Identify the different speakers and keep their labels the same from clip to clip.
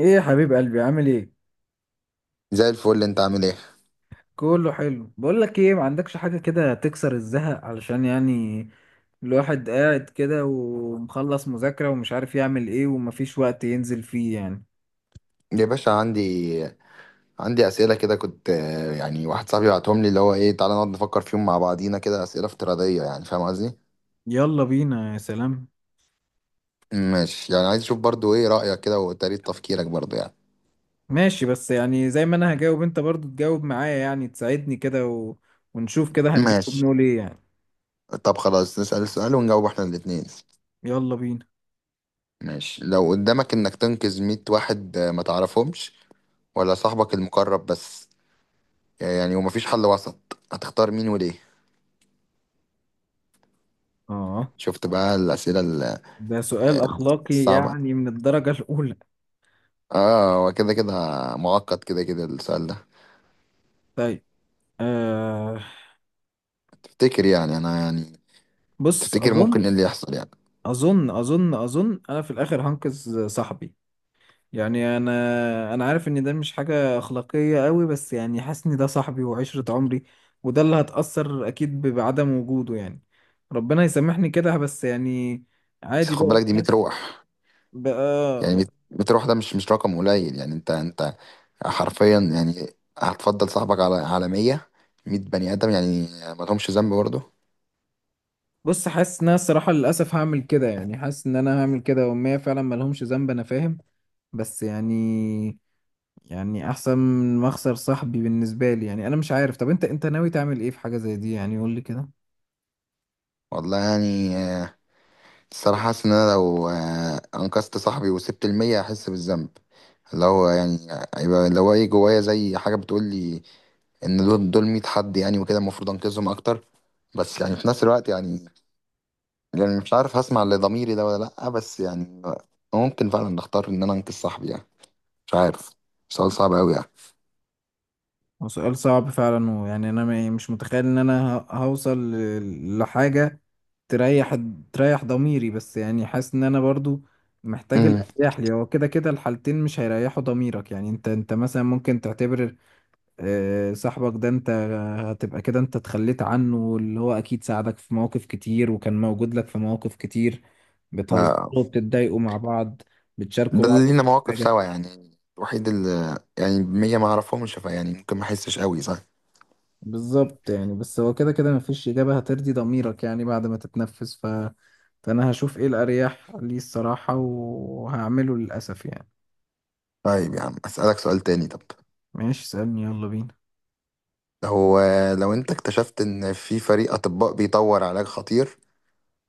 Speaker 1: ايه يا حبيب قلبي، عامل ايه؟
Speaker 2: زي الفل، انت عامل ايه؟
Speaker 1: كله حلو. بقول لك ايه، ما عندكش حاجه كده تكسر الزهق؟ علشان يعني الواحد قاعد كده ومخلص مذاكره ومش عارف يعمل ايه ومفيش وقت ينزل فيه يعني.
Speaker 2: يا باشا، عندي اسئله كده، كنت يعني واحد صاحبي بعتهم لي، اللي هو ايه، تعالى نقعد نفكر فيهم مع بعضينا كده، اسئله افتراضيه يعني، فاهم قصدي؟
Speaker 1: يلا بينا، يا سلام.
Speaker 2: ماشي، يعني عايز اشوف برضو ايه رايك كده وطريقه تفكيرك برضو يعني.
Speaker 1: ماشي، بس يعني زي ما انا هجاوب، انت برضو تجاوب معايا يعني، تساعدني كده و... ونشوف كده، هنجاوب
Speaker 2: ماشي.
Speaker 1: نقول ايه يعني.
Speaker 2: طب خلاص، نسال السؤال ونجاوب احنا الاتنين.
Speaker 1: يلا بينا.
Speaker 2: ماشي، لو قدامك انك تنقذ 100 واحد، ما تعرفهمش، ولا صاحبك المقرب بس، يعني ومفيش حل وسط، هتختار مين وليه؟
Speaker 1: اه،
Speaker 2: شفت بقى الاسئله
Speaker 1: ده سؤال اخلاقي
Speaker 2: الصعبه.
Speaker 1: يعني، من الدرجه الاولى.
Speaker 2: اه، هو كده كده معقد، كده كده السؤال ده.
Speaker 1: طيب. آه.
Speaker 2: تفتكر يعني انا يعني،
Speaker 1: بص،
Speaker 2: تفتكر
Speaker 1: اظن.
Speaker 2: ممكن ايه اللي يحصل يعني؟
Speaker 1: اظن انا في الاخر هنقذ صاحبي. يعني انا عارف ان ده مش حاجه اخلاقيه قوي، بس يعني حاسس ان ده صاحبي وعشره عمري، وده اللي هتاثر اكيد بعدم وجوده يعني. ربنا يسامحني كده، بس يعني
Speaker 2: بس
Speaker 1: عادي
Speaker 2: خد
Speaker 1: بقى
Speaker 2: بالك، دي 100 روح، يعني
Speaker 1: بقى
Speaker 2: 100، 100 روح، ده مش رقم قليل يعني، انت حرفيا يعني، هتفضل صاحبك على 100، 100 بني ادم يعني، ما لهمش ذنب برضه.
Speaker 1: بص، حاسس ان انا الصراحه للاسف هعمل كده، يعني حاسس ان انا هعمل كده، وما فعلا ملهمش ذنب، انا فاهم. بس يعني احسن من ما اخسر صاحبي بالنسبه لي يعني. انا مش عارف، طب انت ناوي تعمل ايه في حاجه زي دي يعني؟ قول لي كده.
Speaker 2: والله يعني، الصراحة حاسس إن أنا لو أنقذت صاحبي وسبت المية هحس بالذنب. اللي هو يعني، هيبقى اللي هو إيه جوايا، زي حاجة بتقولي إن دول مية حد يعني، وكده المفروض أنقذهم أكتر. بس يعني في نفس الوقت يعني مش عارف هسمع لضميري ده ولا لأ، بس يعني ممكن فعلا نختار إن أنا أنقذ صاحبي يعني. مش عارف، سؤال صعب أوي يعني.
Speaker 1: هو سؤال صعب فعلا، ويعني انا مش متخيل ان انا هوصل لحاجه تريح. تريح ضميري، بس يعني حاسس ان انا برضو محتاج
Speaker 2: امم
Speaker 1: الاريح لي. هو كده كده الحالتين مش هيريحوا ضميرك يعني. انت مثلا ممكن تعتبر صاحبك ده انت هتبقى كده انت اتخليت عنه، اللي هو اكيد ساعدك في مواقف كتير، وكان موجود لك في مواقف كتير، بتهزروا
Speaker 2: آه
Speaker 1: وبتتضايقوا مع بعض،
Speaker 2: ده
Speaker 1: بتشاركوا بعض
Speaker 2: اللي
Speaker 1: كل
Speaker 2: لينا مواقف
Speaker 1: حاجة.
Speaker 2: سوا يعني، الوحيد اللي يعني مية ما أعرفهمش، فيعني ممكن ما أحسش أوي، صح.
Speaker 1: بالظبط يعني. بس هو كده كده مفيش إجابة هترضي ضميرك يعني، بعد ما تتنفس ف... فأنا هشوف إيه الأريح لي الصراحة وهعمله للأسف يعني.
Speaker 2: طيب يا عم، أسألك سؤال تاني طب.
Speaker 1: ماشي، اسألني، يلا بينا.
Speaker 2: هو لو انت اكتشفت ان في فريق اطباء بيطور علاج خطير،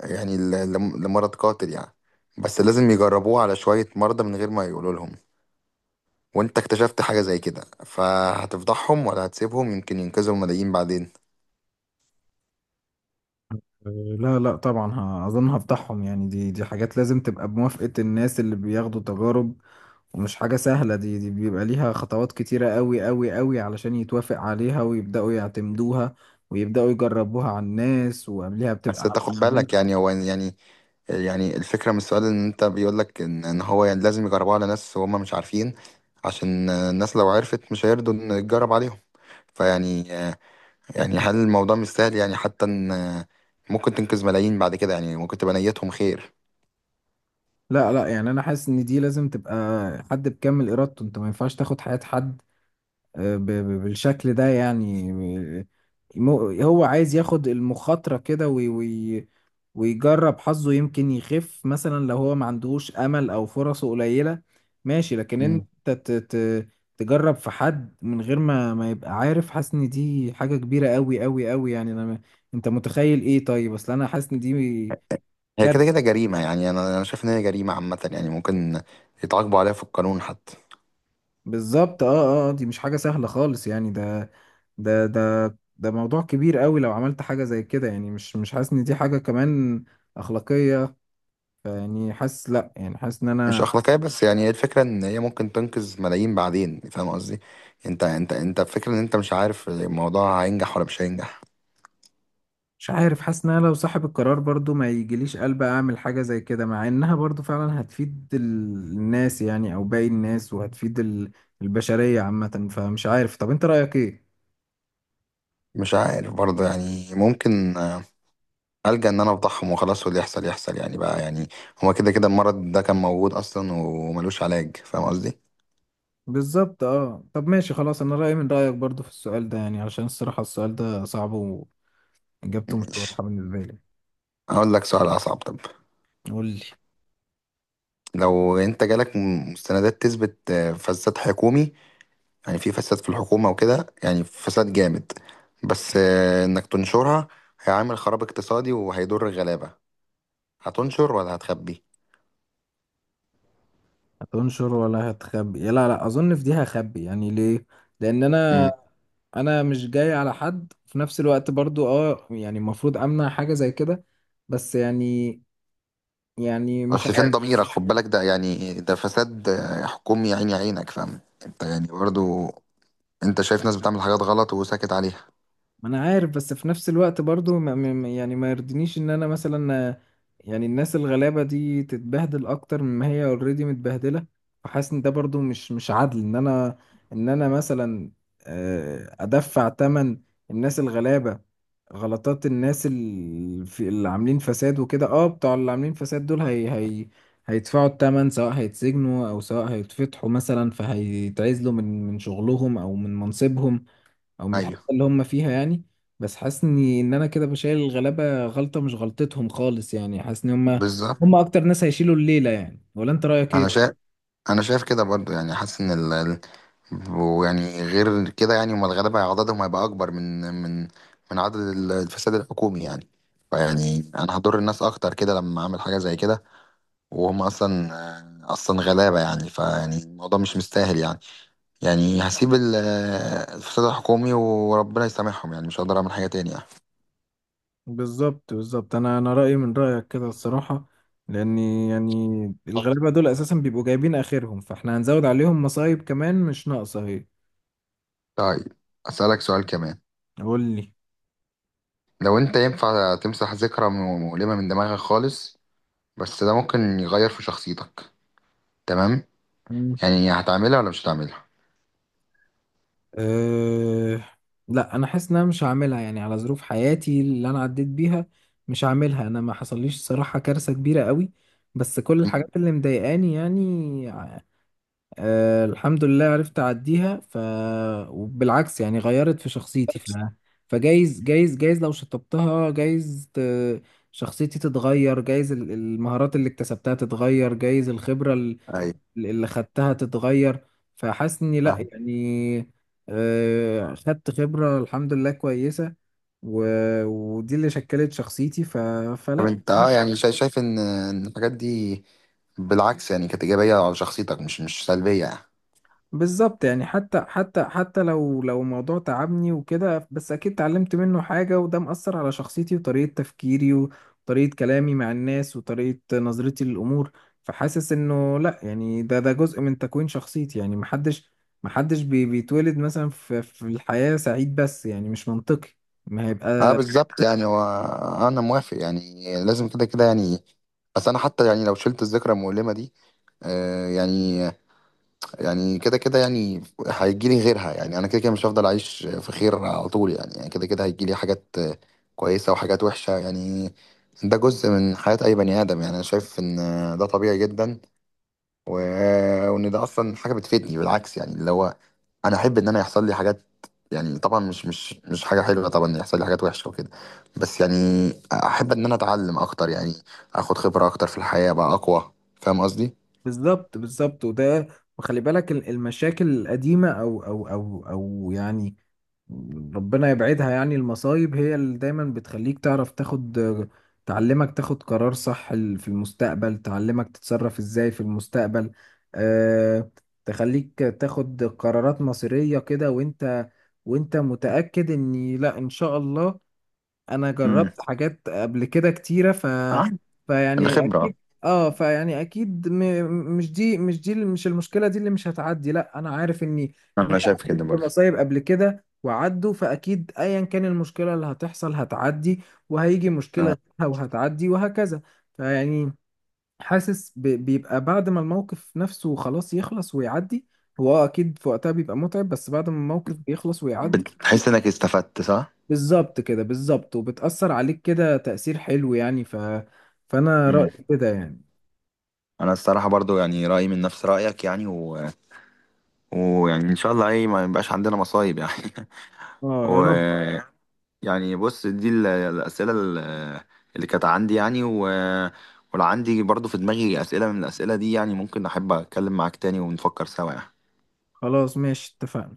Speaker 2: يعني لمرض قاتل يعني، بس لازم يجربوه على شوية مرضى من غير ما يقولوا لهم، وانت اكتشفت حاجة زي كده، فهتفضحهم ولا هتسيبهم يمكن ينقذوا الملايين بعدين؟
Speaker 1: أه، لا لا طبعا، اظن هفضحهم يعني. دي حاجات لازم تبقى بموافقة الناس اللي بياخدوا تجارب. ومش حاجة سهلة، دي بيبقى ليها خطوات كتيرة قوي قوي قوي علشان يتوافق عليها ويبدأوا يعتمدوها، ويبدأوا يجربوها على الناس، وقبلها بتبقى
Speaker 2: بس انت
Speaker 1: على
Speaker 2: خد
Speaker 1: الحيوانات.
Speaker 2: بالك يعني، هو يعني الفكرة من السؤال ان انت بيقولك ان هو يعني لازم يجربوه على ناس وهم مش عارفين، عشان الناس لو عرفت مش هيرضوا ان يتجرب عليهم. فيعني هل الموضوع مش سهل يعني، حتى ان ممكن تنقذ ملايين بعد كده يعني، ممكن تبقى نيتهم خير.
Speaker 1: لا لا يعني، أنا حاسس إن دي لازم تبقى حد بكامل إرادته. أنت ما ينفعش تاخد حياة حد بالشكل ده يعني. هو عايز ياخد المخاطرة كده وي وي ويجرب حظه، يمكن يخف مثلا لو هو ما عندهوش أمل أو فرصه قليلة، ماشي. لكن أنت
Speaker 2: مم.
Speaker 1: ت ت تجرب في حد من غير ما يبقى عارف، حاسس إن دي حاجة كبيرة أوي أوي أوي يعني. أنا أنت متخيل إيه؟ طيب، أصل أنا حاسس إن دي
Speaker 2: هي كده كده
Speaker 1: كارثة.
Speaker 2: جريمة يعني، أنا شايف إن هي جريمة عامة يعني، ممكن يتعاقبوا عليها في القانون حتى.
Speaker 1: بالظبط، أه أه، دي مش حاجة سهلة خالص يعني. ده ده ده موضوع كبير أوي لو عملت حاجة زي كده يعني. مش حاسس إن دي حاجة كمان أخلاقية. فيعني حاسس لا يعني، حاسس ان
Speaker 2: مش
Speaker 1: انا
Speaker 2: أخلاقية، بس يعني هي الفكرة إن هي ممكن تنقذ ملايين بعدين، فاهم قصدي؟ أنت الفكرة إن أنت مش عارف الموضوع هينجح ولا مش هينجح.
Speaker 1: مش عارف. حاسس ان انا لو صاحب القرار برضو ما يجيليش قلب اعمل حاجة زي كده، مع انها برضو فعلا هتفيد الناس يعني، او باقي الناس، وهتفيد البشرية عامة. فمش عارف، طب انت رأيك ايه؟
Speaker 2: مش عارف برضه يعني، ممكن ألجأ إن أنا أفضحهم وخلاص، واللي يحصل يحصل يعني، بقى يعني هو كده كده المرض ده كان موجود أصلا وملوش علاج، فاهم قصدي؟
Speaker 1: بالظبط، اه. طب ماشي خلاص، انا رأيي من رأيك برضو في السؤال ده يعني، علشان الصراحة السؤال ده صعب واجابته مش واضحة
Speaker 2: ماشي،
Speaker 1: بالنسبة لي.
Speaker 2: هقول لك سؤال أصعب طب.
Speaker 1: قول لي.
Speaker 2: لو أنت جالك مستندات تثبت فساد حكومي، يعني في فساد في الحكومة وكده، يعني فساد جامد، بس إنك تنشرها هيعمل خراب اقتصادي وهيضر الغلابة، هتنشر ولا هتخبي؟
Speaker 1: هتنشر ولا هتخبي؟ لا لا، اظن في دي هخبي يعني. ليه؟ لان انا،
Speaker 2: مم.
Speaker 1: مش جاي على حد في نفس الوقت برضو، اه. يعني المفروض امنع حاجة زي كده، بس يعني، مش
Speaker 2: بس فين
Speaker 1: عارف.
Speaker 2: ضميرك؟ خد بالك، ده يعني ده فساد حكومي عيني عينك، فاهم أنت يعني برضو، أنت شايف ناس بتعمل حاجات غلط وساكت عليها.
Speaker 1: ما انا عارف، بس في نفس الوقت برضو يعني ما يرضينيش ان انا مثلا يعني الناس الغلابة دي تتبهدل اكتر مما هي اوريدي متبهدلة. فحاسس ان ده برضو مش عدل، ان انا، مثلا ادفع تمن الناس الغلابة، غلطات الناس اللي عاملين فساد وكده. اه، بتوع اللي عاملين فساد دول هي هيدفعوا التمن، سواء هيتسجنوا او سواء هيتفتحوا مثلا، فهيتعزلوا من شغلهم او من منصبهم او من الحته
Speaker 2: أيوه
Speaker 1: اللي هم فيها يعني. بس حاسس اني ان انا كده بشيل الغلابه غلطه مش غلطتهم خالص يعني. حاسس ان هم
Speaker 2: بالظبط،
Speaker 1: هم اكتر ناس هيشيلوا الليله يعني، ولا انت رايك
Speaker 2: أنا شايف
Speaker 1: ايه؟
Speaker 2: انا شايف كده برضو يعني، حاسس ان ويعني غير كده يعني هم الغلابه عددهم هيبقى اكبر من من عدد الفساد الحكومي يعني. فيعني انا هضر الناس اكتر كده لما اعمل حاجه زي كده، وهم اصلا اصلا غلابه يعني، فيعني الموضوع مش مستاهل يعني. يعني هسيب الفساد الحكومي وربنا يسامحهم يعني، مش هقدر اعمل حاجه تاني يعني.
Speaker 1: بالظبط بالظبط، انا رايي من رايك كده الصراحه، لاني يعني الغلابه دول اساسا بيبقوا جايبين اخرهم، فاحنا هنزود عليهم مصايب كمان مش ناقصه اهي.
Speaker 2: طيب، اسالك سؤال كمان.
Speaker 1: قول لي.
Speaker 2: لو انت ينفع تمسح ذكرى مؤلمه من دماغك خالص، بس ده ممكن يغير في شخصيتك، تمام؟ يعني هتعملها ولا مش هتعملها؟
Speaker 1: أه، لا، انا حاسس ان انا مش هعملها يعني، على ظروف حياتي اللي انا عديت بيها. مش هعملها. انا ما حصليش صراحة كارثة كبيرة قوي، بس كل
Speaker 2: امم،
Speaker 1: الحاجات اللي مضايقاني يعني، أه الحمد لله، عرفت اعديها. ف وبالعكس يعني غيرت في شخصيتي. ف فجايز جايز لو شطبتها جايز شخصيتي تتغير، جايز المهارات اللي اكتسبتها تتغير، جايز الخبرة
Speaker 2: ايوه
Speaker 1: اللي خدتها تتغير. فحاسس اني لا
Speaker 2: فاهم.
Speaker 1: يعني، خدت خبرة الحمد لله كويسة، و... ودي اللي شكلت شخصيتي، ف...
Speaker 2: طب
Speaker 1: فلا.
Speaker 2: انت يعني شايف إن الحاجات دي بالعكس يعني كانت ايجابيه على شخصيتك، مش سلبيه يعني؟
Speaker 1: بالظبط يعني، حتى حتى حتى لو موضوع تعبني وكده، بس اكيد اتعلمت منه حاجة، وده مأثر على شخصيتي وطريقة تفكيري وطريقة كلامي مع الناس وطريقة نظرتي للأمور. فحاسس انه لا يعني، ده جزء من تكوين شخصيتي يعني. محدش بيتولد مثلا في الحياة سعيد، بس يعني مش منطقي ما
Speaker 2: اه
Speaker 1: هيبقى.
Speaker 2: بالظبط يعني. هو انا موافق يعني، لازم كده كده يعني. بس انا حتى يعني، لو شلت الذكرى المؤلمه دي، يعني كده كده يعني هيجي لي غيرها يعني، انا كده كده مش هفضل اعيش في خير على طول يعني كده كده هيجي لي حاجات كويسه وحاجات وحشه يعني. ده جزء من حياه اي بني ادم يعني، انا شايف ان ده طبيعي جدا، و... وان ده اصلا حاجه بتفيدني بالعكس يعني، اللي هو انا احب ان انا يحصل لي حاجات يعني. طبعا مش حاجه حلوه طبعا يحصل لي حاجات وحشه وكده، بس يعني احب ان انا اتعلم اكتر يعني، اخد خبره اكتر في الحياه بقى اقوى، فاهم قصدي؟
Speaker 1: بالظبط بالظبط، وده، وخلي بالك المشاكل القديمة، او يعني ربنا يبعدها يعني. المصايب هي اللي دايما بتخليك تعرف تاخد، تعلمك تاخد قرار صح في المستقبل، تعلمك تتصرف ازاي في المستقبل. أه، تخليك تاخد قرارات مصيرية كده، وانت، متأكد ان لا ان شاء الله، انا
Speaker 2: امم،
Speaker 1: جربت حاجات قبل كده كتيره، ف
Speaker 2: اه
Speaker 1: فيعني اكيد.
Speaker 2: الخبرة.
Speaker 1: اه، فيعني اكيد مش المشكله دي اللي مش هتعدي، لا، انا عارف اني، إن أنا
Speaker 2: انا شايف كده
Speaker 1: عديت
Speaker 2: برضه.
Speaker 1: بمصايب قبل كده وعدوا، فاكيد ايا كان المشكله اللي هتحصل هتعدي، وهيجي
Speaker 2: آه،
Speaker 1: مشكله غيرها وهتعدي، وهكذا. فيعني حاسس بيبقى بعد ما الموقف نفسه خلاص يخلص ويعدي، هو آه اكيد في وقتها بيبقى متعب، بس بعد ما الموقف بيخلص ويعدي
Speaker 2: بتحس انك استفدت، صح؟
Speaker 1: بالظبط كده، بالظبط، وبتأثر عليك كده تأثير حلو يعني، ف... فأنا
Speaker 2: امم
Speaker 1: رأيي كده يعني.
Speaker 2: انا الصراحة برضو يعني رأيي من نفس رأيك يعني، ويعني ان شاء الله ايه ما يبقاش عندنا مصايب يعني.
Speaker 1: اه، يا
Speaker 2: و
Speaker 1: رب.
Speaker 2: يعني بص، دي الأسئلة اللي كانت عندي يعني، ولو عندي برضو في دماغي أسئلة من الأسئلة دي يعني، ممكن أحب أتكلم معاك تاني ونفكر سوا يعني.
Speaker 1: خلاص، ماشي، اتفقنا.